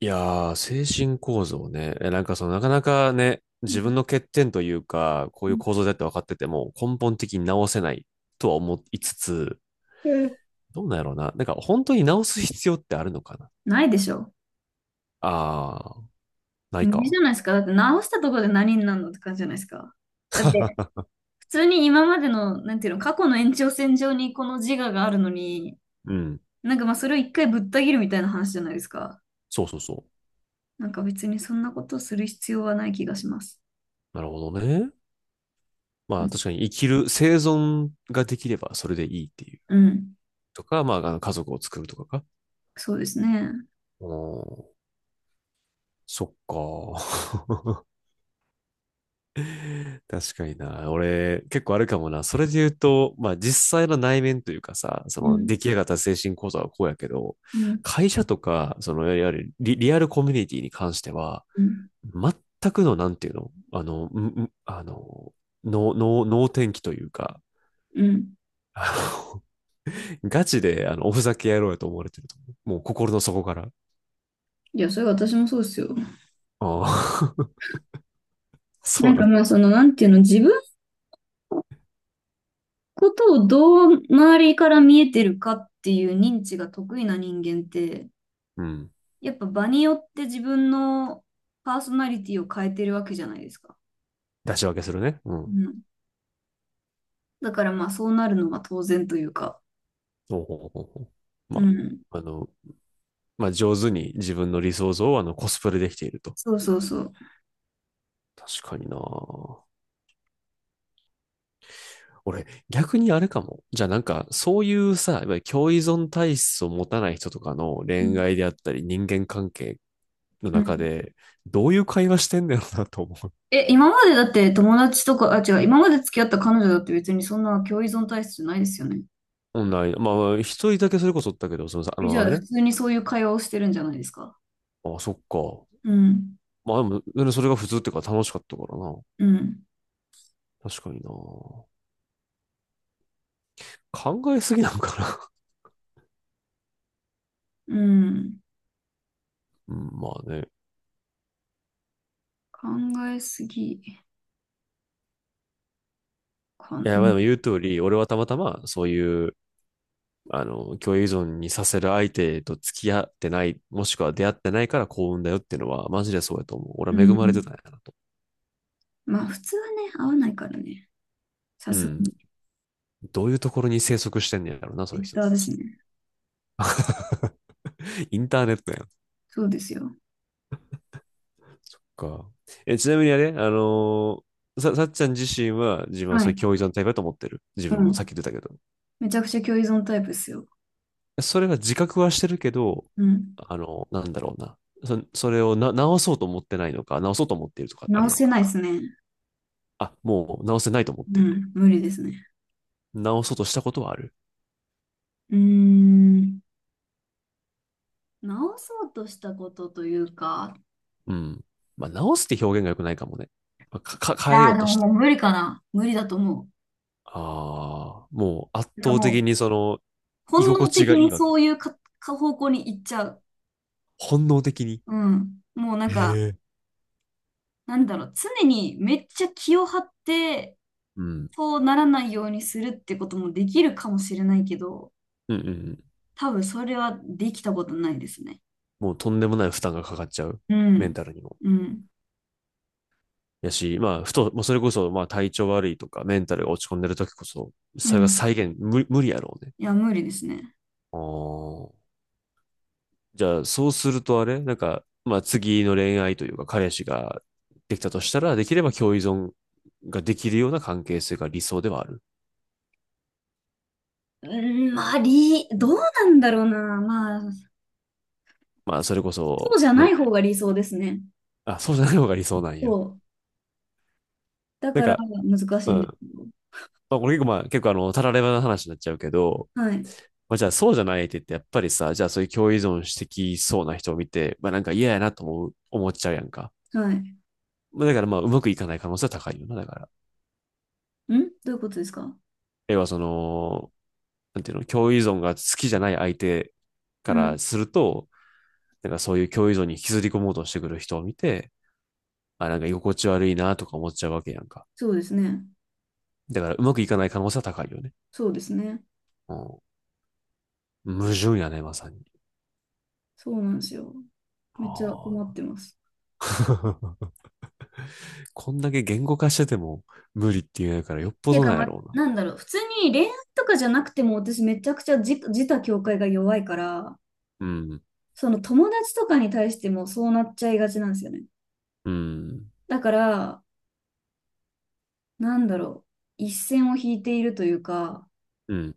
いやー、精神構造ね。なんかなかなかね、う自ん。分の欠点というか、こういうう構造だって分かってても、根本的に直せないとは思いつつ、ん。どうなんやろうな。なんか本当に直す必要ってあるのかなないでしょ。あー、ない無理じか。ゃないですか。だって直したところで何になるのって感じじゃないですか。だって普通に今までの、なんていうの、過去の延長線上にこの自我があるのに、うん。なんかまあそれを一回ぶった切るみたいな話じゃないですか。そうそうそなんか別にそんなことをする必要はない気がします。う。なるほどね。うまあん。確かに生存ができればそれでいいっていう。うん。とか、まあ、あの家族を作るとかか。そうですね。うん、そっか。確かにな。俺、結構あるかもな。それで言うと、まあ実際の内面というかさ、そうのん。出来上がった精神構造はこうやけど、うん。会社とか、いわゆるリアルコミュニティに関しては、うん。全くの、なんていうの能天気というか、うん。あガチで、おふざけ野郎やと思われてると思う。もう心の底から。いや、それ私もそうですよ。ああ、 そなうんかな。まあその、なんていうの、自分ことをどう周りから見えてるかっていう認知が得意な人間って、うん。やっぱ場によって自分のパーソナリティを変えてるわけじゃないですか。出し分けするね。ううん。ん。だからまあそうなるのが当然というか。おうほうほうほうまうん。あ、まあ、上手に自分の理想像をコスプレできていると。そうそうそう。確かにな。俺、逆にあれかも。じゃあなんか、そういうさ、いわゆる共依存体質を持たない人とかのう恋ん。愛であったり、人間関係のう中ん。で、どういう会話してんだろうなと思う。え、今までだって友達とか、あ、違う、今まで付き合った彼女だって別にそんな共依存体質じゃないですよね。オンライン、まあ、一人だけそれこそだけど、そのさ、あえ、じの、ゃああれ普ね。通にそういう会話をしてるんじゃないですか。ああ、そっか。うん。まあでも、それが普通っていうか楽しかったからな。うん。確かにな。考えすぎなのかな。うん。うん、まあね。考えすぎ。かいん、うや、まあん。でも言う通り、俺はたまたまそういう共栄依存にさせる相手と付き合ってない、もしくは出会ってないから幸運だよっていうのは、マジでそうやと思う。俺うは恵まれてたんん。やなと。まあ、普通はね、合わないからね。さうすがん。に、ツどういうところに生息してんねやろな、そイういうッ人たターですち。ね。インターネットやん。そうですよ。そっか。ちなみにあれ、さ、さっちゃん自身は自分ははそういうい。共栄依存タイプだと思ってる。自う分もさっん。き出たけど。めちゃくちゃ共依存タイプですよ。それは自覚はしてるけど、うん。なんだろうな。それをな、直そうと思ってないのか、直そうと思っているとかある直やんせか。ないですね。あ、もう直せないと思っうている。ん。無理ですね。直そうとしたことはある。うーん。直そうとしたことというか、うん。まあ、直すって表現が良くないかもね。まあ、変えあよあ、うでともしもて。う無理かな。無理だと思う。ああ、もう圧なんか倒的もにその、う、居本心能地的がいいにわけ。そういう方向に行っちゃう。本能的に。う。うん。もうなんへか、え。なんだろう、常にめっちゃ気を張って、うん。そうならないようにするってこともできるかもしれないけど、うんうんうん。多分それはできたことないですね。もうとんでもない負担がかかっちゃう。うメンん。タルにも。うん。やし、まあ、ふと、もうそれこそ、まあ、体調悪いとか、メンタルが落ち込んでる時こそ、うそれがん。再現、無、無理やろうね。いや、無理ですね。ああ。じゃあ、そうするとあれなんか、まあ次の恋愛というか彼氏ができたとしたら、できれば共依存ができるような関係性が理想ではある。うーん、まあ、どうなんだろうな。まあ、まあ、それこそうそ、じゃないね。方が理想ですね。あ、そうじゃない方が理想なんそや。う。だなんからか、難しういんですん。よ。まあ、これ結構たらればな話になっちゃうけど、はい。まあ、じゃあそうじゃない相手ってやっぱりさ、じゃあそういう共依存してきそうな人を見て、まあなんか嫌やなと思っちゃうやんか。はい。まあ、だからまあ、うまくいかない可能性は高いよな、だから。どういうことですか？要はなんていうの、共依存が好きじゃない相手うかん。らすると、なんかそういう共依存に引きずり込もうとしてくる人を見て、あ、なんか居心地悪いなとか思っちゃうわけやんか。そうですね。だからうまくいかない可能性は高いよね。そうですね。うん。矛盾やね、まさに。そうなんですよ。めっちゃ困っあてます。あ、こんだけ言語化してても無理って言うんやからよっっぽていうどか、なんまやあ、ろうな。なんだろう。普通に恋愛とかじゃなくても、私めちゃくちゃ自他境界が弱いから、うん。その友達とかに対してもそうなっちゃいがちなんですよね。うん。だから、なんだろう、一線を引いているというか、うん。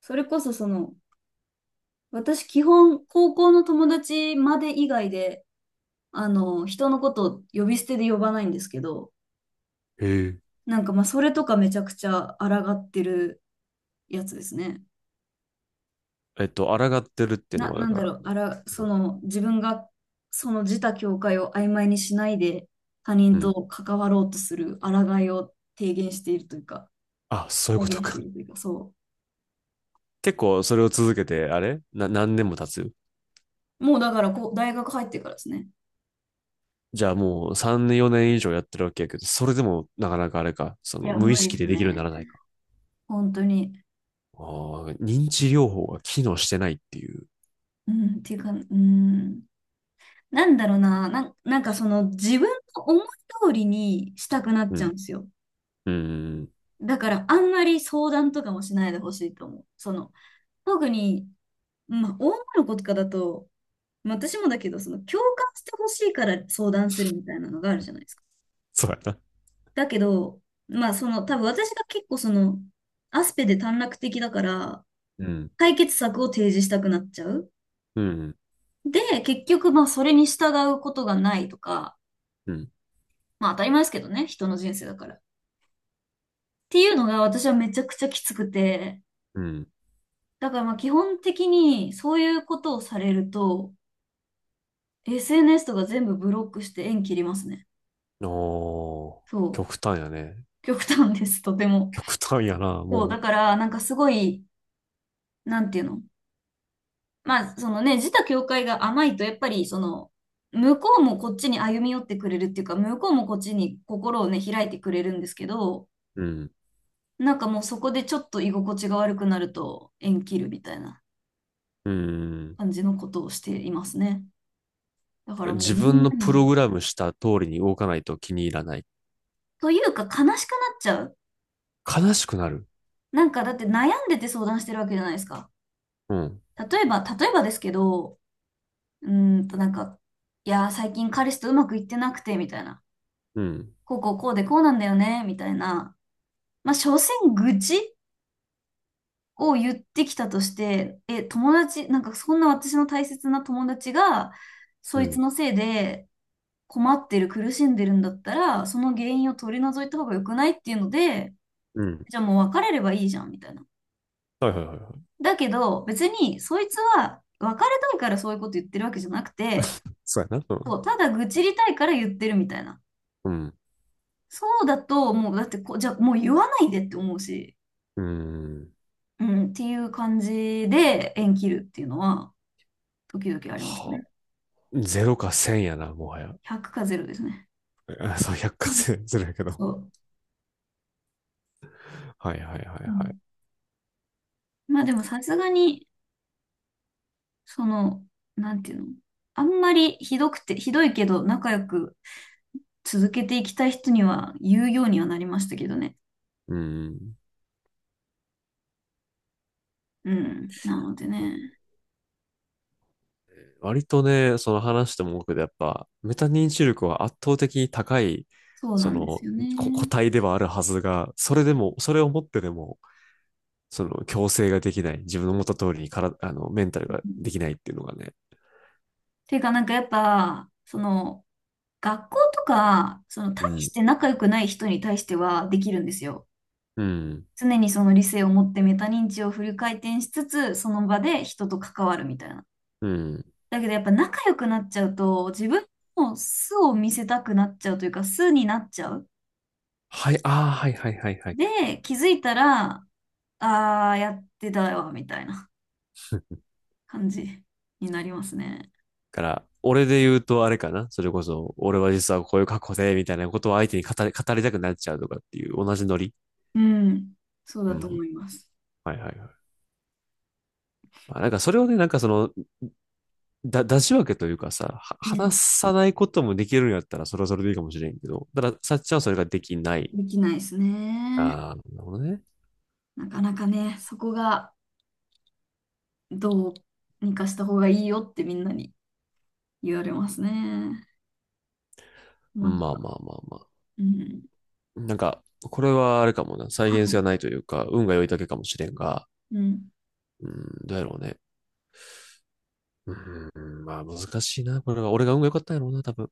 それこそその、私基本高校の友達まで以外で、人のことを呼び捨てで呼ばないんですけど、へえ。なんかまあそれとかめちゃくちゃ抗ってるやつですね。抗ってるっていうのな、はだなんかだら、ろう、あら、その自分がその自他境界を曖昧にしないで他人うん。と関わろうとする抗いを提言しているというか。あ、そういう再こと現してか。いるというか、そ結構それを続けて、あれな、何年も経つ。う。もうだからこう、大学入ってからですね。じゃあもう3年、4年以上やってるわけやけど、それでもなかなかあれか、そいのや、無無意理識でですできるようになね。らないか。本当に。ああ、認知療法が機能してないっていう。うん、っていうか、うん。なんだろうな、なんかその自分の思い通りにしたくなっうちゃうんん。ですよ。うん。だからあんまり相談とかもしないでほしいと思う。その、特に、まあ、女の子とかだと、まあ私もだけど、その共感してほしいから相談するみたいなのがあるじゃないですか。そうやな。だけど、まあその、多分私が結構その、アスペで短絡的だから、うん。解決策を提示したくなっちゃう。うん。で、結局、まあ、それに従うことがないとか、うん。まあ、当たり前ですけどね、人の人生だから。っていうのが私はめちゃくちゃきつくて、うん。だからまあ、基本的にそういうことをされると、SNS とか全部ブロックして縁切りますね。おー、そう。極端やね。極端です、とても。極端やな、そう、もだう。から、なんかすごい、なんていうの、まあ、そのね、自他境界が甘いと、やっぱり、その、向こうもこっちに歩み寄ってくれるっていうか、向こうもこっちに心をね、開いてくれるんですけど、うん。なんかもうそこでちょっと居心地が悪くなると縁切るみたいなうん。感じのことをしていますね。だからもう自みん分なのプロに、グラムした通りに動かないと気に入らない。というか悲しくなっちゃう。悲しくなる。なんかだって悩んでて相談してるわけじゃないですか。うん。例えば、例えばですけど、うーんとなんか、いやー、最近彼氏とうまくいってなくて、みたいな。うん。こうこうこうでこうなんだよね、みたいな。まあ、所詮愚痴を言ってきたとして、え、なんかそんな私の大切な友達が、そういつん。のせいで困ってる、苦しんでるんだったら、その原因を取り除いた方が良くないっていうので、うん。じゃあもう別れればいいじゃん、みたいな。はいはいはいはい。だけど、別にそいつは別れたいからそういうこと言ってるわけじゃなくて、そうやな。うそん。う、ただ愚痴りたいから言ってるみたいな。うん。そうだと、もうだってじゃあもう言わないでって思うし、うん。うん、っていう感じで縁切るっていうのは、時々ありますはね。あ、ゼロか1000やな、もはや。100か0ですね。あそう、100か1000するやけど。そう。はいはいはいうはい。ん。まあでもさすがに、その、なんていうの、あんまりひどくて、ひどいけど仲良く続けていきたい人には言うようにはなりましたけどね。うん。うん。なのでね、割とね、その話しても多くでやっぱ、メタ認知力は圧倒的に高い、そうそなんでの、すよこ個ね。体ではあるはずが、それでも、それを持ってでも、その、強制ができない、自分の思った通りにから、メンタルうがん。できないっていうのがね。ていうかなんかやっぱ、その、学校とか、その、大うしん。て仲良くない人に対してはできるんですよ。うん。常にその理性を持ってメタ認知をフル回転しつつ、その場で人と関わるみたいな。うん。だけどやっぱ仲良くなっちゃうと、自分の素を見せたくなっちゃうというか、素になっちゃう。はい、ああ、はいはいはいはい。で、気づいたら、あーやってたよみたいな感じになりますね。から、俺で言うとあれかなそれこそ、俺は実はこういう過去で、みたいなことを相手に語りたくなっちゃうとかっていう同じノリ。うん。そううだとん。思います。はいはいはい。まあ、なんかそれをね、なんかその、出し分けというかさ、う話ん。さないこともできるんやったら、それはそれでいいかもしれんけど、ただ、さっちゃんはそれができない。できないですね。ああ、なるほどね。なかなかね、そこがどうにかした方がいいよってみんなに言われますね。困っまあた。まあまあまうん。あ。なんか、これはあれかもな。は再現性い。がないというか、運が良いだけかもしれんが、うん。うん、どうやろうね。うん、まあ難しいな。これが、俺が運が良かったんやろうな、多分。